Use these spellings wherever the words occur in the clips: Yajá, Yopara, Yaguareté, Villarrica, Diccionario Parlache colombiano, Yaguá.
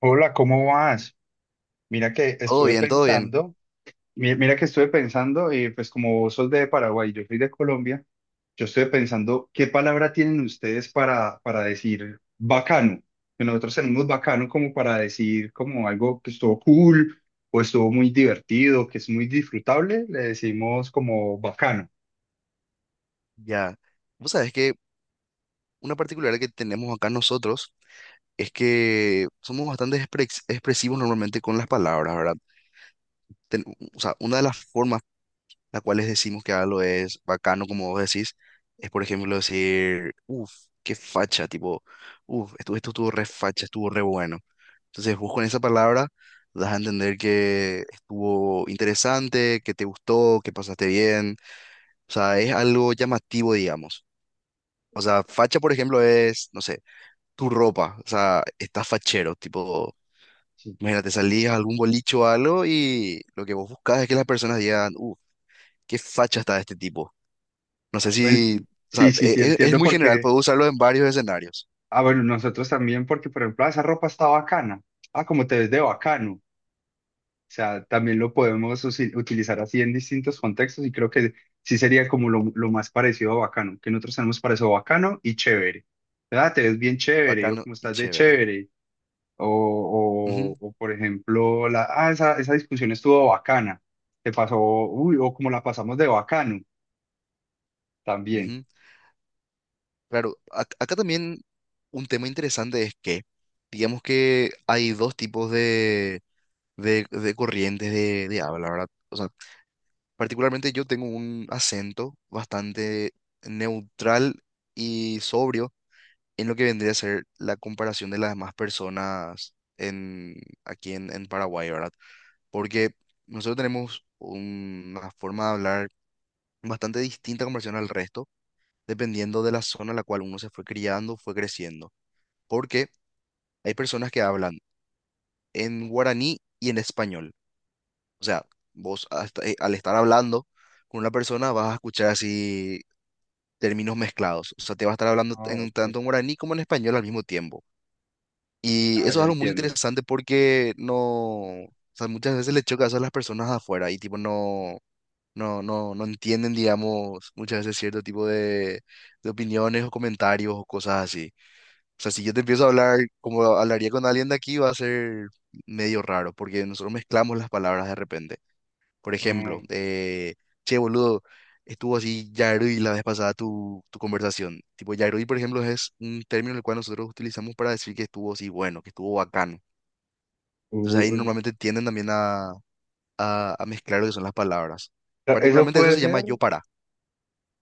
Hola, ¿cómo vas? Mira que Todo estuve bien, todo bien. pensando, mira que estuve pensando, y pues como vos sos de Paraguay y yo soy de Colombia, yo estuve pensando, ¿qué palabra tienen ustedes para decir bacano? Que nosotros tenemos bacano como para decir como algo que estuvo cool o estuvo muy divertido, que es muy disfrutable, le decimos como bacano. Ya. Vos sabés que una particularidad que tenemos acá nosotros es que somos bastante expresivos normalmente con las palabras, ¿verdad? Ten- o sea, una de las formas las cuales decimos que algo es bacano, como vos decís, es por ejemplo decir, uff, qué facha, tipo, uff, esto estuvo re facha, estuvo re bueno. Entonces vos con esa palabra das a entender que estuvo interesante, que te gustó, que pasaste bien. O sea, es algo llamativo, digamos. O sea, facha, por ejemplo, es, no sé, tu ropa. O sea, estás fachero, tipo, Sí. imagínate, salías a algún bolicho o algo y lo que vos buscas es que las personas digan, qué facha está este tipo. No sé Ah, si, o sea, sí, sí, sí, es entiendo muy general, porque, puedo usarlo en varios escenarios. ah, bueno, nosotros también porque, por ejemplo, "Ah, esa ropa está bacana. Ah, como te ves de bacano." O sea, también lo Uh, podemos utilizar así en distintos contextos y creo que sí sería como lo más parecido a bacano, que nosotros tenemos para eso, bacano y chévere. ¿Verdad? Te ves bien chévere o Bacano como y estás de chévere. chévere. O, Ujú, o, o, por ejemplo, la, ah, esa discusión estuvo bacana. Te pasó, uy, o como la pasamos de bacano también. ujú. Claro, acá también un tema interesante es que, digamos que hay dos tipos de corrientes de habla, ¿verdad? O sea, particularmente yo tengo un acento bastante neutral y sobrio en lo que vendría a ser la comparación de las demás personas en, aquí en Paraguay, ¿verdad? Porque nosotros tenemos una forma de hablar bastante distinta en comparación al resto, dependiendo de la zona en la cual uno se fue criando, fue creciendo. Porque hay personas que hablan en guaraní y en español. O sea, al estar hablando con una persona vas a escuchar así términos mezclados. O sea, te va a estar hablando Ah, en ok. tanto en guaraní como en español al mismo tiempo. Y Ah, eso es ya algo muy entiendo. interesante porque no, o sea, muchas veces le choca eso a las personas de afuera y tipo no, no, no entienden, digamos, muchas veces cierto tipo de opiniones o comentarios o cosas así. O sea, si yo te empiezo a hablar como hablaría con alguien de aquí, va a ser medio raro porque nosotros mezclamos las palabras de repente. Por ejemplo, Mm, che, boludo, estuvo así Yarui la vez pasada tu conversación. Tipo, Yarui, por ejemplo, es un término el cual nosotros utilizamos para decir que estuvo así bueno, que estuvo bacano. uh, Entonces ahí uh, normalmente tienden también a mezclar lo que son las palabras. eso Particularmente eso puede se llama ser. yo para.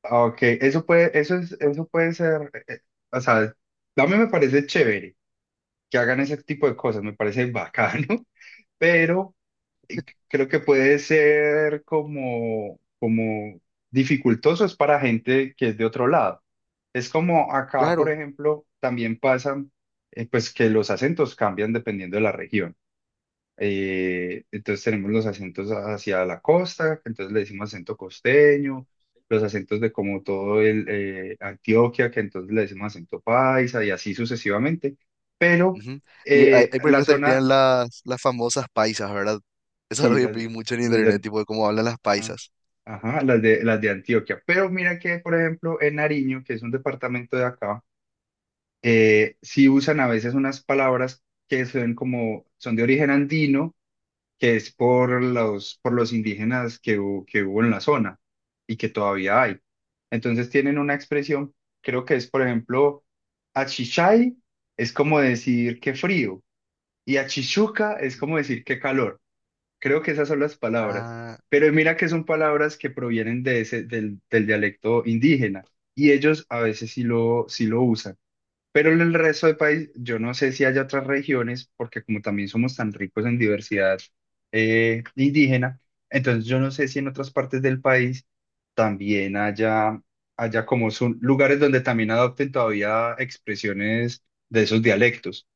Ah, ok, eso puede, eso es, eso puede ser, o sea, a mí me parece chévere que hagan ese tipo de cosas, me parece bacano, pero creo que puede ser como, como dificultoso es para gente que es de otro lado. Es como acá, por Claro. ejemplo, también pasan, pues que los acentos cambian dependiendo de la región. Entonces tenemos los acentos hacia la costa, entonces le decimos acento costeño, los acentos de como todo el Antioquia, que entonces le decimos acento paisa y así sucesivamente. Pero Ujú. Ahí, por ejemplo, la zona, estarían las famosas paisas, ¿verdad? Eso es lo sí, que vi mucho en las internet, de, tipo de cómo hablan las paisas. ajá, las de Antioquia. Pero mira que, por ejemplo, en Nariño, que es un departamento de acá, sí usan a veces unas palabras que son como, son de origen andino que es por los indígenas que, que hubo en la zona y que todavía hay. Entonces tienen una expresión, creo que es, por ejemplo, achichay es como decir que frío y achichuca es como decir que calor. Creo que esas son las palabras. Ah, Pero mira que son palabras que provienen de ese, del, del dialecto indígena y ellos a veces sí lo usan. Pero en el resto del país, yo no sé si hay otras regiones, porque como también somos tan ricos en diversidad indígena, entonces yo no sé si en otras partes del país también haya, haya como son lugares donde también adopten todavía expresiones de esos dialectos.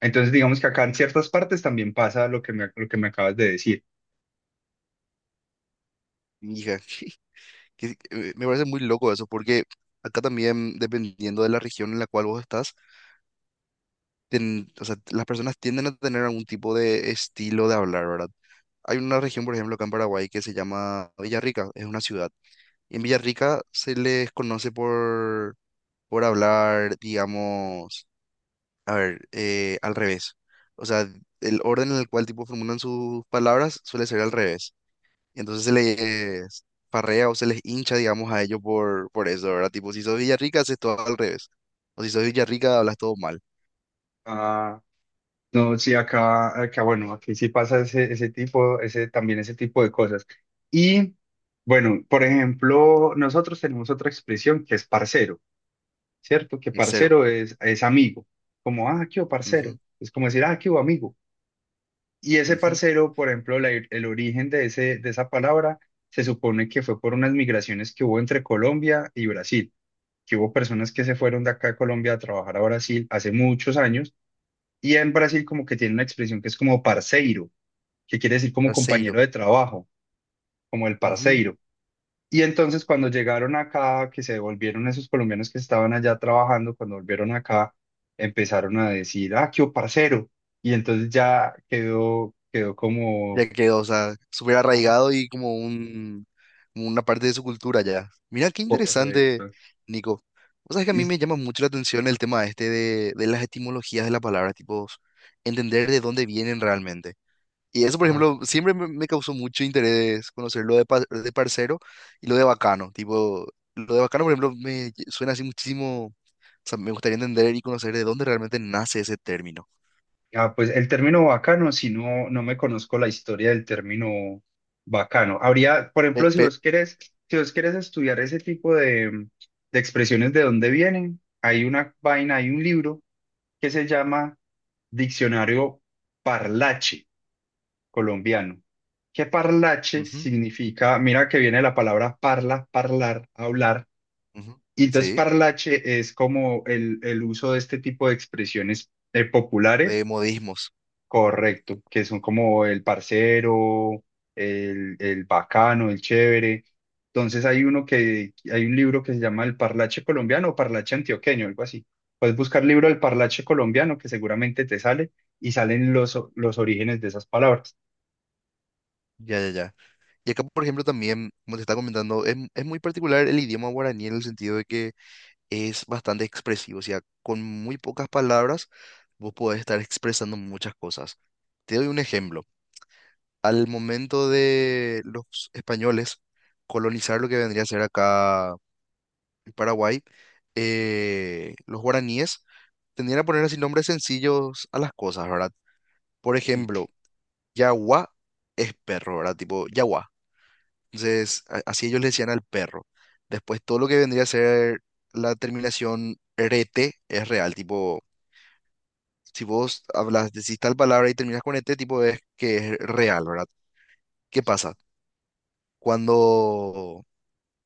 Entonces digamos que acá en ciertas partes también pasa lo que me acabas de decir. mija. Me parece muy loco eso, porque acá también, dependiendo de la región en la cual vos estás, o sea, las personas tienden a tener algún tipo de estilo de hablar, ¿verdad? Hay una región, por ejemplo, acá en Paraguay que se llama Villarrica, es una ciudad. Y en Villarrica se les conoce por hablar, digamos, a ver, al revés. O sea, el orden en el cual tipo formulan sus palabras suele ser al revés. Y entonces se les parrea o se les hincha, digamos, a ellos por eso, ¿verdad? Tipo, si sos Villarrica, haces todo al revés. O si sos Villarrica, hablas todo mal. Ah, no, sí, acá, acá, bueno, aquí sí pasa ese, ese tipo, ese, también ese tipo de cosas. Y bueno, por ejemplo, nosotros tenemos otra expresión que es parcero, ¿cierto? Que Tercero. parcero es amigo, como, ah, qué hubo, parcero. Ujú, Es como decir, ah, qué hubo, amigo. Y ese ujú, parcero, por ejemplo, el origen de ese, de esa palabra se supone que fue por unas migraciones que hubo entre Colombia y Brasil, que hubo personas que se fueron de acá de Colombia a trabajar a Brasil hace muchos años. Y en Brasil como que tiene una expresión que es como parceiro, que quiere decir como tercero. compañero de trabajo, como el Ujú. parceiro. Y entonces cuando llegaron acá, que se devolvieron esos colombianos que estaban allá trabajando, cuando volvieron acá, empezaron a decir, ah, qué o parcero. Y entonces ya quedó, quedó como, Ya quedó, o sea, súper ah, arraigado y como un, como una parte de su cultura ya. Mira qué interesante, correcto. Nico. O sea, que a mí Y, me llama mucho la atención el tema este de las etimologías de las palabras, tipo, entender de dónde vienen realmente. Y eso, por ah, ejemplo, siempre me causó mucho interés conocer lo de, de parcero y lo de bacano. Tipo, lo de bacano, por ejemplo, suena así muchísimo. O sea, me gustaría entender y conocer de dónde realmente nace ese término. ah, pues el término bacano, si no, no me conozco la historia del término bacano. Habría, por Eh, ejemplo, si pe- vos querés, si vos querés estudiar ese tipo de expresiones de dónde vienen, hay una vaina, hay un libro que se llama Diccionario Parlache Colombiano. Que parlache ujú, significa, mira que viene la palabra parla, parlar, hablar. ujú, Y entonces sí, parlache es como el uso de este tipo de expresiones populares. de modismos. Correcto, que son como el parcero, el bacano, el chévere. Entonces hay uno que, hay un libro que se llama El Parlache Colombiano o Parlache Antioqueño, algo así. Puedes buscar libro del Parlache Colombiano que seguramente te sale y salen los, los orígenes de esas palabras. Ya, ya, ya. Y acá, por ejemplo, también, como te estaba comentando, es muy particular el idioma guaraní en el sentido de que es bastante expresivo. O sea, con muy pocas palabras, vos podés estar expresando muchas cosas. Te doy un ejemplo. Al momento de los españoles colonizar lo que vendría a ser acá Paraguay, los guaraníes tendían a poner así nombres sencillos a las cosas, ¿verdad? Por Sí. ejemplo, Yaguá es perro, ¿verdad? Tipo, Yaguá. Entonces, así ellos le decían al perro. Después, todo lo que vendría a ser la terminación rete es real, tipo, si vos hablas, decís tal palabra y terminas con ete, tipo, es que es real, ¿verdad? ¿Qué pasa? Cuando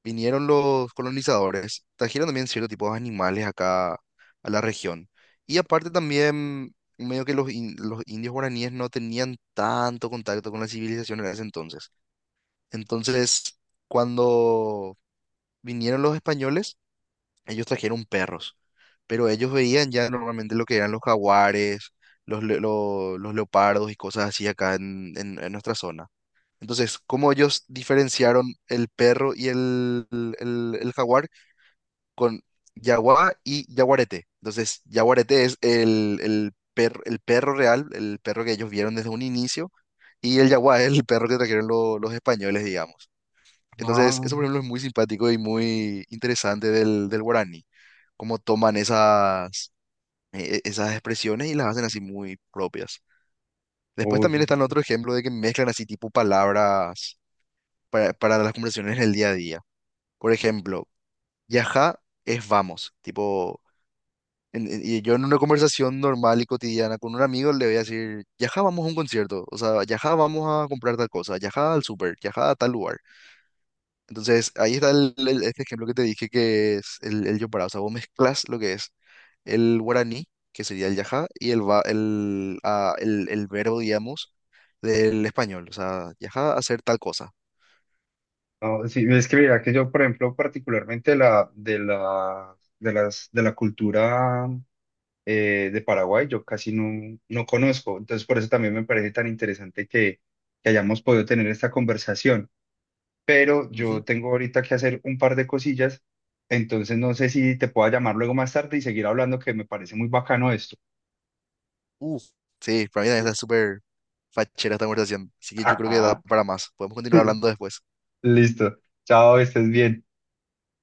vinieron los colonizadores, trajeron también cierto tipo de animales acá a la región. Y aparte también, medio que los indios guaraníes no tenían tanto contacto con la civilización en ese entonces. Entonces, cuando vinieron los españoles, ellos trajeron perros, pero ellos veían ya normalmente lo que eran los jaguares, los leopardos y cosas así acá en, en nuestra zona. Entonces, ¿cómo ellos diferenciaron el perro y el jaguar? Con Yaguá y Yaguareté. Entonces, Yaguareté es el perro real, el perro que ellos vieron desde un inicio, y el Yaguá es el perro que trajeron los españoles, digamos. Entonces, Ah, eso por ejemplo es muy simpático y muy interesante del, del guaraní, cómo toman esas, esas expresiones y las hacen así muy propias. Después oh, sí, también está el sí. otro ejemplo de que mezclan así tipo palabras para las conversaciones en el día a día. Por ejemplo, yajá es vamos, tipo y yo en una conversación normal y cotidiana con un amigo le voy a decir, Yaja, vamos a un concierto, o sea, Yaja, vamos a comprar tal cosa, Yaja al súper, Yaja a tal lugar. Entonces, ahí está este ejemplo que te dije que es el Yopara, o sea, vos mezclas lo que es el guaraní, que sería el Yaja, y el, va- el, ah, el verbo, digamos, del español, o sea, Yaja hacer tal cosa. No, sí, es que mira que yo, por ejemplo, particularmente la, de las, de la cultura de Paraguay yo casi no, no conozco. Entonces, por eso también me parece tan interesante que hayamos podido tener esta conversación. Pero yo Ujú. tengo ahorita que hacer un par de cosillas, entonces no sé si te pueda llamar luego más tarde y seguir hablando, que me parece muy bacano esto. Uh, sí, para mí también ¿Sí? está súper fachera esta conversación, así que yo creo que da Ajá. para más. Podemos continuar hablando después. Listo. Chao, estés bien.